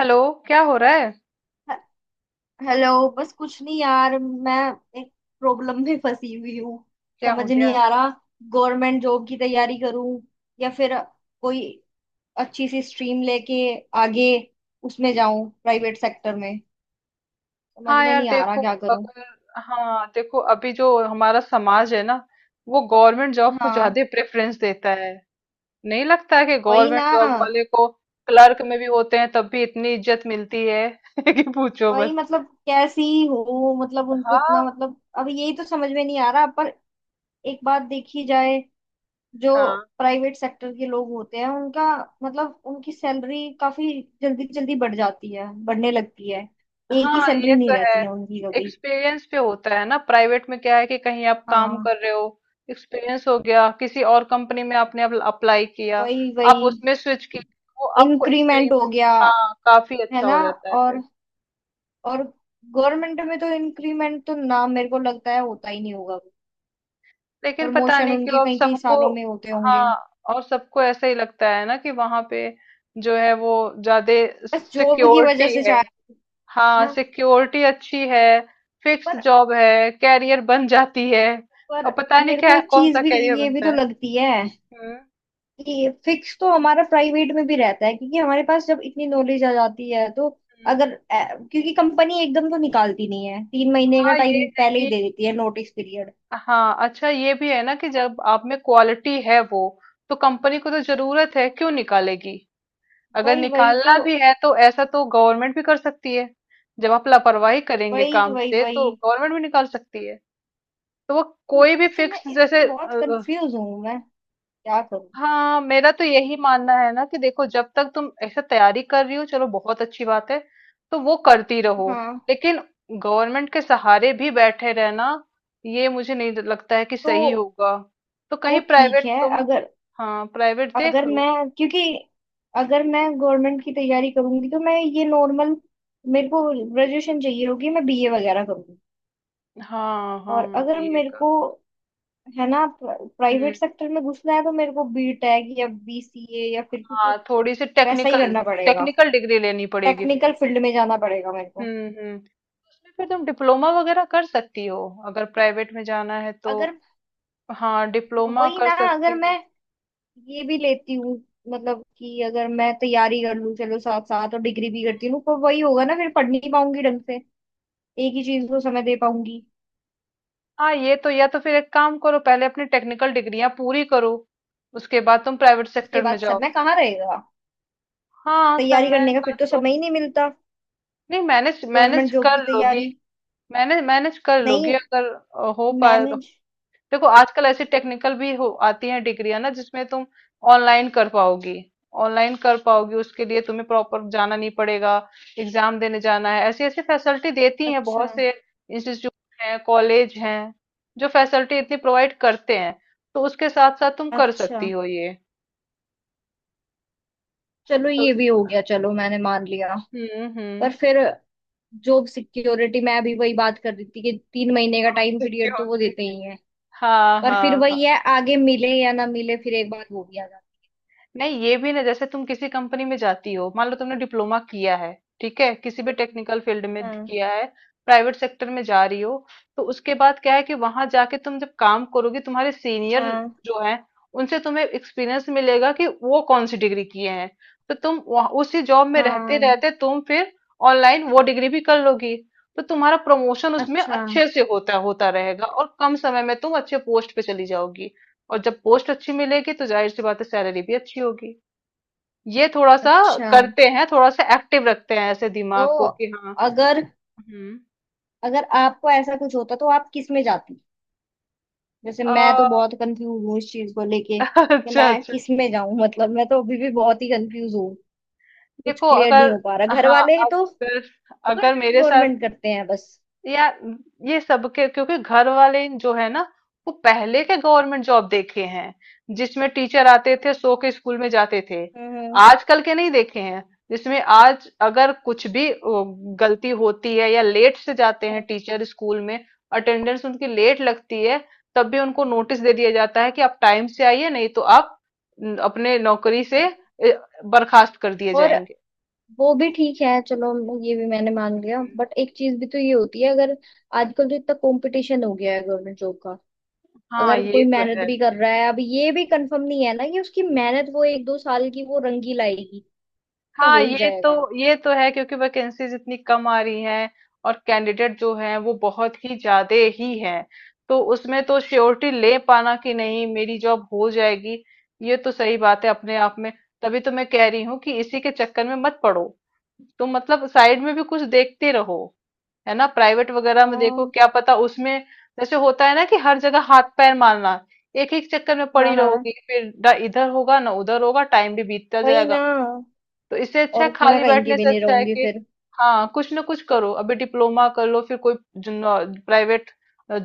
Hello. क्या हो रहा है? ह- हेलो। बस कुछ नहीं यार, मैं एक प्रॉब्लम में फंसी हुई हूँ। क्या हो समझ नहीं गया? आ रहा गवर्नमेंट जॉब की तैयारी करूँ या फिर कोई अच्छी सी स्ट्रीम लेके आगे उसमें जाऊं प्राइवेट सेक्टर में। समझ हाँ में यार, नहीं आ रहा देखो, क्या करूं। अगर हाँ, देखो, अभी जो हमारा समाज है ना, वो गवर्नमेंट जॉब को हाँ, ज्यादा प्रेफरेंस देता है। नहीं लगता है कि वही गवर्नमेंट ना। जॉब वाले को, क्लर्क में भी होते हैं तब भी इतनी इज्जत मिलती है कि पूछो बस। वही मतलब कैसी हो मतलब उनको इतना हाँ, मतलब अब यही तो समझ में नहीं आ रहा पर। एक बात देखी जाए, जो हाँ, प्राइवेट सेक्टर के लोग होते हैं उनका मतलब उनकी सैलरी काफी जल्दी जल्दी बढ़ जाती है, बढ़ने लगती है। एक ही हाँ, ये सैलरी नहीं तो है। रहती है उनकी कभी। एक्सपीरियंस पे होता है ना। प्राइवेट में क्या है कि कहीं आप काम हाँ, कर रहे हो, एक्सपीरियंस हो गया, किसी और कंपनी में आपने अप्लाई किया, वही आप वही। उसमें स्विच किए, वो आपको इंक्रीमेंट हो इंक्रीमेंट, गया, हाँ, काफी है अच्छा ना। हो जाता है और फिर। और गवर्नमेंट में तो इंक्रीमेंट तो ना मेरे को लगता है होता ही नहीं होगा। लेकिन पता प्रमोशन नहीं उनके क्यों अब कई कई सबको, सालों में होते होंगे। हाँ, और सबको ऐसा ही लगता है ना कि वहां पे जो है वो ज्यादा बस जॉब की वजह सिक्योरिटी से है। शायद हाँ, ना। सिक्योरिटी अच्छी है। फिक्स पर जॉब है, कैरियर बन जाती है। पर और पता नहीं मेरे को क्या, एक कौन चीज सा भी कैरियर ये भी बनता तो है। लगती है। हम्म, ये फिक्स तो हमारा प्राइवेट में भी रहता है, क्योंकि हमारे पास जब इतनी नॉलेज आ जाती है तो हम्म। अगर क्योंकि कंपनी एकदम तो निकालती नहीं है, 3 महीने का हाँ, ये टाइम है पहले ही कि, दे देती है, नोटिस पीरियड। हाँ, अच्छा ये भी है ना कि जब आप में क्वालिटी है, वो तो कंपनी को तो जरूरत है, क्यों निकालेगी। अगर वही वही तो। निकालना भी है तो ऐसा तो गवर्नमेंट भी कर सकती है। जब आप लापरवाही करेंगे वही काम वही से तो वही। गवर्नमेंट भी निकाल सकती है। तो वो तो कोई भी इससे मैं फिक्स जैसे, इसमें बहुत कंफ्यूज हूँ, मैं क्या करूँ। हाँ, मेरा तो यही मानना है ना कि देखो, जब तक तुम ऐसे तैयारी कर रही हो चलो बहुत अच्छी बात है, तो वो करती रहो। हाँ। लेकिन गवर्नमेंट के सहारे भी बैठे रहना, ये मुझे नहीं लगता है कि तो सही होगा। तो वो कहीं ठीक प्राइवेट है तुम, अगर। हाँ, प्राइवेट देख अगर मैं लो। क्योंकि अगर मैं गवर्नमेंट की तैयारी करूंगी तो मैं ये नॉर्मल मेरे को ग्रेजुएशन चाहिए होगी, मैं बीए वगैरह करूंगी। हाँ, और हाँ, अगर BA मेरे का। को, है ना, हम्म, प्राइवेट सेक्टर में घुसना है तो मेरे को बीटेक या बीसीए या फिर कुछ हाँ, थोड़ी सी वैसा ही टेक्निकल, करना पड़ेगा। टेक्निकल डिग्री लेनी पड़ेगी फिर। टेक्निकल फील्ड में जाना पड़ेगा मेरे को। हम्म, हम्म। उसमें फिर तुम डिप्लोमा वगैरह कर सकती हो अगर प्राइवेट में जाना है तो। अगर हाँ, डिप्लोमा वही कर ना, अगर सकती मैं हो। ये भी लेती हूँ मतलब कि अगर मैं तैयारी कर लूँ चलो साथ साथ और डिग्री भी करती हूँ पर वही होगा ना फिर पढ़ नहीं पाऊंगी ढंग से। एक ही चीज को समय दे पाऊंगी। हाँ, ये तो, या तो फिर एक काम करो, पहले अपनी टेक्निकल डिग्रियां पूरी करो, उसके बाद तुम प्राइवेट उसके सेक्टर में बाद जाओ। समय कहाँ रहेगा। हाँ, तैयारी समय करने का का फिर तो तो, समय ही नहीं मिलता। नहीं, मैनेज मैनेज गवर्नमेंट जॉब की कर लोगी। तैयारी। मैनेज मैनेज कर लोगी नहीं। अगर हो पा। मैनेज। देखो, आजकल ऐसी टेक्निकल भी हो आती हैं डिग्रियां ना, जिसमें तुम ऑनलाइन कर पाओगी। ऑनलाइन कर पाओगी, उसके लिए तुम्हें प्रॉपर जाना नहीं पड़ेगा, एग्जाम देने जाना है। ऐसी ऐसी फैसिलिटी देती हैं, अच्छा, बहुत से इंस्टीट्यूट हैं, कॉलेज हैं जो फैसिलिटी इतनी प्रोवाइड करते हैं। तो उसके साथ साथ तुम कर अच्छा। सकती हो ये। चलो तो ये उस- भी हो गया, चलो मैंने मान लिया। हम्म, पर हम्म। फिर जॉब सिक्योरिटी, मैं अभी वही बात कर रही थी कि 3 महीने का जॉब टाइम पीरियड तो वो सिक्योर देते ही है। हाँ, पर फिर हाँ। वही है, आगे मिले या ना मिले, फिर एक बार वो भी आ जाता नहीं, ये भी ना, जैसे तुम किसी कंपनी में जाती हो, मान लो तुमने डिप्लोमा किया है, ठीक है, किसी भी टेक्निकल फील्ड है। में हाँ, किया है, प्राइवेट सेक्टर में जा रही हो, तो उसके बाद क्या है कि वहां जाके तुम जब काम करोगे, तुम्हारे सीनियर हाँ, जो है, उनसे तुम्हें एक्सपीरियंस मिलेगा कि वो कौन सी डिग्री किए हैं। तो तुम उसी जॉब में रहते हाँ। रहते तुम फिर ऑनलाइन वो डिग्री भी कर लोगी। तो तुम्हारा प्रमोशन उसमें अच्छा, अच्छे से होता होता रहेगा, और कम समय में तुम अच्छे पोस्ट पे चली जाओगी। और जब पोस्ट अच्छी मिलेगी तो जाहिर सी बात है, सैलरी भी अच्छी होगी। ये थोड़ा सा अच्छा। करते हैं, थोड़ा सा एक्टिव रखते हैं ऐसे तो दिमाग को कि, हाँ। अगर हम्म, अगर आपको ऐसा कुछ होता तो आप किस में जाती। जैसे मैं तो आ, बहुत कंफ्यूज हूँ इस चीज को लेके कि अच्छा, मैं अच्छा। किस में जाऊं, मतलब मैं तो अभी भी बहुत ही कंफ्यूज हूँ। कुछ देखो, क्लियर नहीं अगर हो पा रहा, घर हाँ, वाले तो अगर अगर गवर्नमेंट मेरे साथ, गवर्नमेंट करते हैं बस। यार, ये सबके क्योंकि घर वाले जो है ना, वो पहले के गवर्नमेंट जॉब देखे हैं, जिसमें टीचर आते थे सो के स्कूल में जाते थे। हम्म आजकल के नहीं देखे हैं, जिसमें आज अगर कुछ भी गलती होती है या लेट से जाते हैं हम्म, टीचर स्कूल में, अटेंडेंस उनकी लेट लगती है, तब भी उनको नोटिस दे दिया जाता है कि आप टाइम से आइए, नहीं तो आप न, अपने नौकरी से ए, बर्खास्त कर दिए और जाएंगे। वो भी ठीक है, चलो ये भी मैंने मान लिया, हम्म। बट एक चीज भी तो ये होती है अगर आजकल तो इतना कंपटीशन हो गया है गवर्नमेंट जॉब का। हाँ, अगर ये कोई तो मेहनत है। भी कर रहा है, अब ये भी कंफर्म नहीं है ना कि उसकी मेहनत वो एक दो साल की वो रंगी लाएगी। तो हाँ, हो ही ये तो जाएगा। ये तो है क्योंकि वैकेंसीज इतनी कम आ रही हैं, और कैंडिडेट जो हैं वो बहुत ही ज्यादा ही हैं। तो उसमें तो श्योरिटी ले पाना कि नहीं मेरी जॉब हो जाएगी, ये तो सही बात है अपने आप में। तभी तो मैं कह रही हूँ कि इसी के चक्कर में मत पड़ो, तुम मतलब साइड में भी कुछ देखते रहो। है ना, प्राइवेट वगैरह में देखो, हाँ, क्या पता उसमें, जैसे होता है ना कि हर जगह हाथ पैर मारना, एक एक चक्कर में हाँ, पड़ी हाँ, रहोगी फिर, ना इधर होगा ना उधर होगा, टाइम भी बीतता वही ना। जाएगा। तो इससे अच्छा है, और मैं खाली कहीं की बैठने भी से नहीं अच्छा है रहूंगी कि, फिर। हाँ, कुछ ना कुछ करो, अभी डिप्लोमा कर लो, फिर कोई प्राइवेट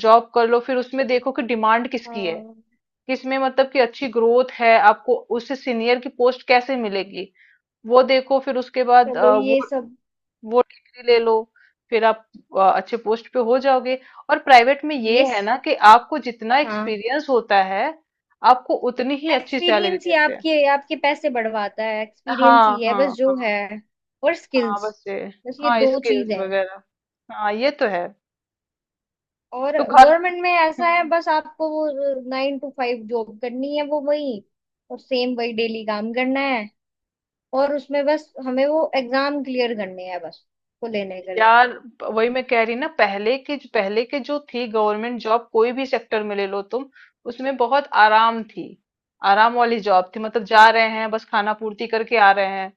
जॉब कर लो, फिर उसमें देखो कि डिमांड किसकी है, हाँ। किसमें मतलब कि अच्छी ग्रोथ है, आपको उससे सीनियर की पोस्ट कैसे मिलेगी, वो देखो फिर उसके बाद चलो वो ये सब। वो डिग्री ले लो, फिर आप अच्छे पोस्ट पे हो जाओगे। और प्राइवेट में ये ये है ना स... कि आपको जितना हाँ, एक्सपीरियंस होता है, आपको उतनी ही अच्छी सैलरी एक्सपीरियंस ही देते हैं। आपके आपके पैसे बढ़वाता है, एक्सपीरियंस हाँ, ही है बस हाँ, जो हाँ, है। और हाँ स्किल्स। बस ये, बस ये हाँ दो चीज स्किल्स है। वगैरह, हाँ ये तो है। और तो घर गवर्नमेंट में ऐसा है हम्म। बस आपको वो 9 to 5 जॉब करनी है वो वही। और सेम वही डेली काम करना है। और उसमें बस हमें वो एग्जाम क्लियर करने हैं बस को लेने के लिए। यार, वही मैं कह रही ना, पहले के जो थी गवर्नमेंट जॉब, कोई भी सेक्टर में ले लो तुम, उसमें बहुत आराम थी, आराम वाली जॉब थी, मतलब जा रहे हैं बस खाना पूर्ति करके आ रहे हैं,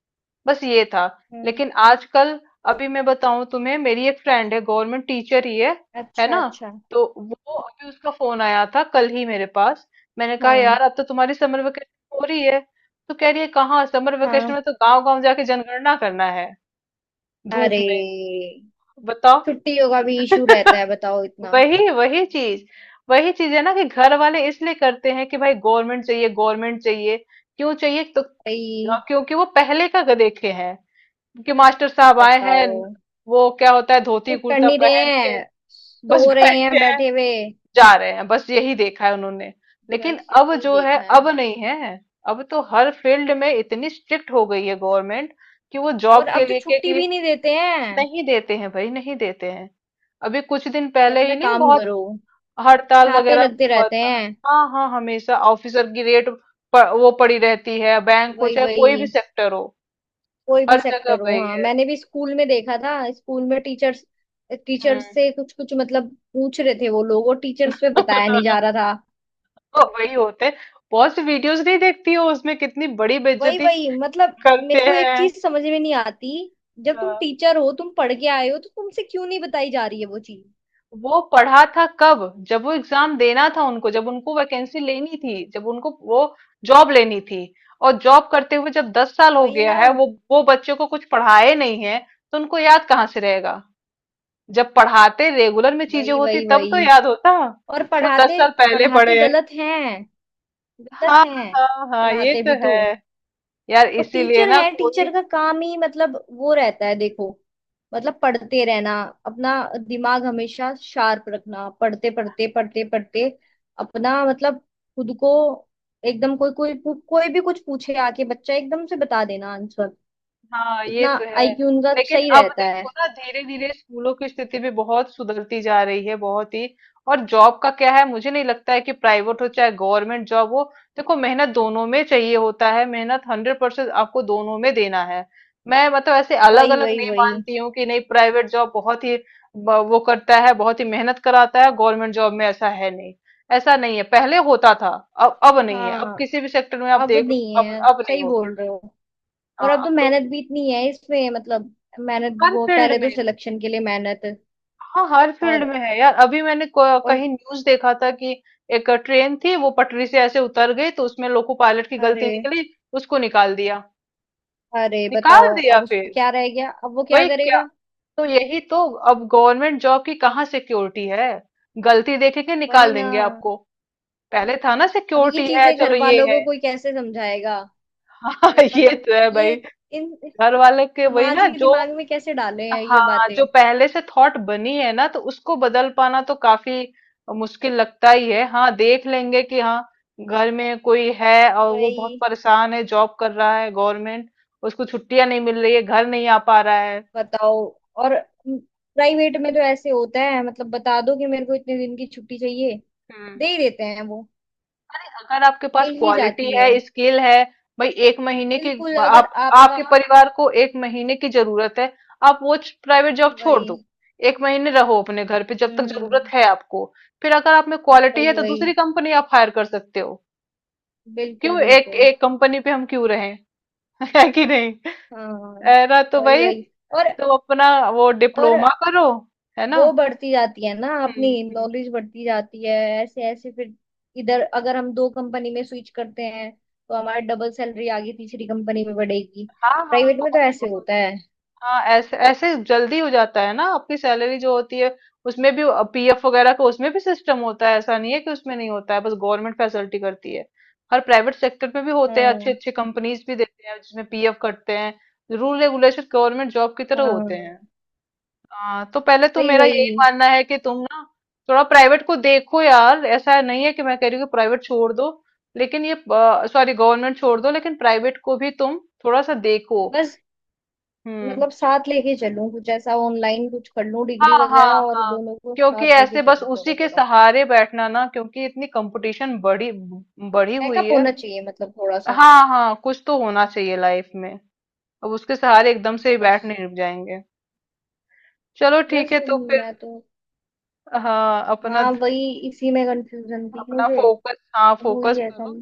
बस ये था। हम्म। लेकिन आजकल, अभी मैं बताऊं तुम्हें, मेरी एक फ्रेंड है गवर्नमेंट टीचर ही है अच्छा, ना, अच्छा। तो वो, अभी उसका फोन आया था कल ही मेरे पास, मैंने कहा हाँ, यार, अब तो तुम्हारी समर वेकेशन हो रही है, तो कह रही है कहाँ, समर वेकेशन हाँ। में तो गांव गांव जाके जनगणना करना है धूप अरे, में, बताओ। छुट्टियों का भी इशू रहता है, बताओ इतना। वही वही चीज, वही चीज है ना, कि घर वाले इसलिए करते हैं कि भाई गवर्नमेंट चाहिए, गवर्नमेंट चाहिए, क्यों चाहिए? तो भाई। क्योंकि वो पहले का देखे हैं, कि मास्टर साहब आए हैं, बताओ। वो क्या होता है धोती कुछ कर कुर्ता नहीं रहे पहन के, हैं, बस सो रहे बैठे हैं हैं, बैठे हुए। जा रहे हैं बस, यही देखा है उन्होंने। लेकिन बस अब यही जो है देखा है। अब नहीं है। अब तो हर फील्ड में इतनी स्ट्रिक्ट हो गई है गवर्नमेंट कि वो और जॉब अब के तो लिए के, छुट्टी भी कि नहीं देते हैं, नहीं देते हैं भाई, नहीं देते हैं। अभी कुछ दिन कि पहले अपना ही नहीं, काम बहुत करो, हड़ताल छापे वगैरह लगते हुआ रहते था। हैं। हाँ, हाँ, हमेशा ऑफिसर की रेट, वो पड़ी रहती है, बैंक हो वही चाहे कोई भी वही। सेक्टर हो, कोई भी हर जगह सेक्टर हो, वही हाँ, है। मैंने भी स्कूल में देखा था। स्कूल में टीचर्स, टीचर्स हम्म। से कुछ कुछ मतलब पूछ रहे थे वो लोग और टीचर्स पे बताया नहीं जा रहा था। वही होते हैं। बहुत सी वीडियोस नहीं देखती हो उसमें कितनी बड़ी वही बेइज्जती वही, मतलब मेरे करते को एक हैं। चीज समझ में नहीं आती। जब तुम हाँ। टीचर हो, तुम पढ़ के आए हो तो तुमसे क्यों नहीं बताई जा रही है वो चीज। वो पढ़ा था कब? जब वो एग्जाम देना था उनको, जब उनको वैकेंसी लेनी थी, जब उनको वो जॉब लेनी थी। और जॉब करते हुए जब 10 साल हो वही गया ना। है, वो बच्चे को कुछ पढ़ाए नहीं है, तो उनको याद कहाँ से रहेगा। जब पढ़ाते रेगुलर में चीजें वही होती वही तब तो वही। याद होता। और वो पढ़ाते, 10 साल पहले पढ़ाते पढ़े हैं। गलत हैं, गलत हाँ, हैं। हाँ, हाँ, ये पढ़ाते तो भी है। तो। यार, और इसीलिए टीचर ना है, कोई, टीचर का काम ही मतलब वो रहता है देखो, मतलब पढ़ते रहना, अपना दिमाग हमेशा शार्प रखना, पढ़ते पढ़ते पढ़ते पढ़ते, अपना मतलब खुद को एकदम, कोई कोई कोई भी कुछ पूछे आके बच्चा एकदम से बता देना आंसर। हाँ ये इतना तो है। आईक्यू उनका लेकिन सही अब रहता है। देखो ना, धीरे धीरे स्कूलों की स्थिति भी बहुत सुधरती जा रही है, बहुत ही। और जॉब का क्या है, मुझे नहीं लगता है कि प्राइवेट हो चाहे गवर्नमेंट जॉब हो, देखो मेहनत दोनों में चाहिए होता है, मेहनत 100% आपको दोनों में देना है। मैं मतलब ऐसे अलग वही अलग वही नहीं वही। मानती हूँ कि, नहीं, प्राइवेट जॉब बहुत ही वो करता है, बहुत ही मेहनत कराता है, गवर्नमेंट जॉब में ऐसा है नहीं। ऐसा नहीं है, पहले होता था, अब नहीं है, अब हाँ, किसी भी सेक्टर में आप अब देख लो, नहीं अब है, अब नहीं सही होता। बोल रहे हो। और हाँ, अब तो अब तो मेहनत भी इतनी है इसमें, मतलब मेहनत, हर वो फील्ड पहले में, तो सिलेक्शन के लिए मेहनत। हाँ हर फील्ड और में है यार। अभी मैंने और कहीं न्यूज देखा था कि एक ट्रेन थी, वो पटरी से ऐसे उतर गई, तो उसमें लोको पायलट की गलती अरे, निकली, उसको निकाल दिया, अरे, निकाल बताओ दिया अब फिर, उसका क्या रह गया, अब वो क्या वही क्या, करेगा। तो यही तो, अब गवर्नमेंट जॉब की कहाँ सिक्योरिटी है, गलती देखेंगे वही निकाल ना। देंगे आपको, पहले था ना अब ये सिक्योरिटी है, चीजें चलो घर ये वालों को है। कोई कैसे समझाएगा। हाँ, तो ये मतलब तो है ये भाई। इन इस घर वाले के वही समाज ना के जो, दिमाग में कैसे डाले हैं ये हाँ, जो बातें। पहले से थॉट बनी है ना, तो उसको बदल पाना तो काफी मुश्किल लगता ही है। हाँ, देख लेंगे कि, हाँ, घर में कोई है और वो बहुत वही। परेशान है, जॉब कर रहा है गवर्नमेंट, उसको छुट्टियां नहीं मिल रही है, घर नहीं आ पा रहा बताओ। और प्राइवेट में तो ऐसे होता है, मतलब बता दो कि मेरे को इतने दिन की छुट्टी चाहिए, है। दे ही देते हैं वो, अगर आपके पास मिल ही क्वालिटी जाती है। है, स्किल है, भाई एक महीने की, बिल्कुल, अगर आप आपका आपके परिवार को एक महीने की जरूरत है, आप वो प्राइवेट जॉब छोड़ वही, दो, एक महीने रहो अपने घर पे जब तक जरूरत हम्म, है आपको, फिर अगर आप में क्वालिटी है वही तो वही, दूसरी कंपनी आप हायर कर सकते हो। बिल्कुल, क्यों एक बिल्कुल। एक कंपनी पे हम क्यों रहें? है कि नहीं? हाँ, है ना, तो वही भाई, वही। और तो अपना वो और डिप्लोमा करो, है ना। वो बढ़ती जाती है ना अपनी, हम्म, हम्म, नॉलेज बढ़ती जाती है। ऐसे ऐसे फिर, इधर अगर हम दो कंपनी में स्विच करते हैं तो हमारा डबल सैलरी आगे तीसरी कंपनी में बढ़ेगी। हाँ, हाँ, प्राइवेट में तो बहुत ऐसे बहुत। होता है। हाँ, ऐसे ऐसे जल्दी हो जाता है ना, आपकी सैलरी जो होती है उसमें भी, PF वगैरह का उसमें भी सिस्टम होता है, ऐसा नहीं है कि उसमें नहीं होता है, बस गवर्नमेंट फैसिलिटी करती है। हर प्राइवेट सेक्टर में भी होते हैं, अच्छे हाँ, अच्छे कंपनीज भी देते हैं जिसमें PF कटते हैं, रूल रेगुलेशन गवर्नमेंट जॉब की तरह होते हैं। हाँ, हाँ, तो पहले तो वही मेरा यही वही। मानना है कि तुम ना, थोड़ा प्राइवेट को देखो यार, ऐसा नहीं है कि मैं कह रही हूँ कि प्राइवेट छोड़ दो, लेकिन ये, सॉरी, गवर्नमेंट छोड़ दो, लेकिन प्राइवेट को भी तुम थोड़ा सा देखो। बस हम्म, मतलब साथ लेके चलूं, कुछ ऐसा ऑनलाइन कुछ कर लूं डिग्री हाँ, हाँ, वगैरह, और हाँ, दोनों को क्योंकि साथ लेके ऐसे बस चलूं उसी थोड़ा के थोड़ा। सहारे बैठना ना, क्योंकि इतनी कंपटीशन बढ़ी बढ़ी हुई बैकअप है। होना चाहिए मतलब थोड़ा सा। हाँ, हाँ, कुछ तो होना चाहिए लाइफ में, अब उसके सहारे एकदम से हाँ, ही बस। बैठ नहीं जाएंगे। चलो ठीक बस है, तो फिर, मैं तो, हाँ, अपना हाँ वही, इसी में कंफ्यूजन थी अपना मुझे। फोकस, हाँ, अब हुई फोकस है करो। कम।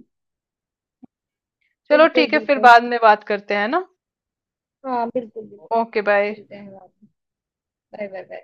चलो बिल्कुल, ठीक है, फिर बिल्कुल। बाद में बात करते हैं ना। हाँ, बिल्कुल, बिल्कुल। Okay, bye. मिलते हैं, बाय। Bye, bye.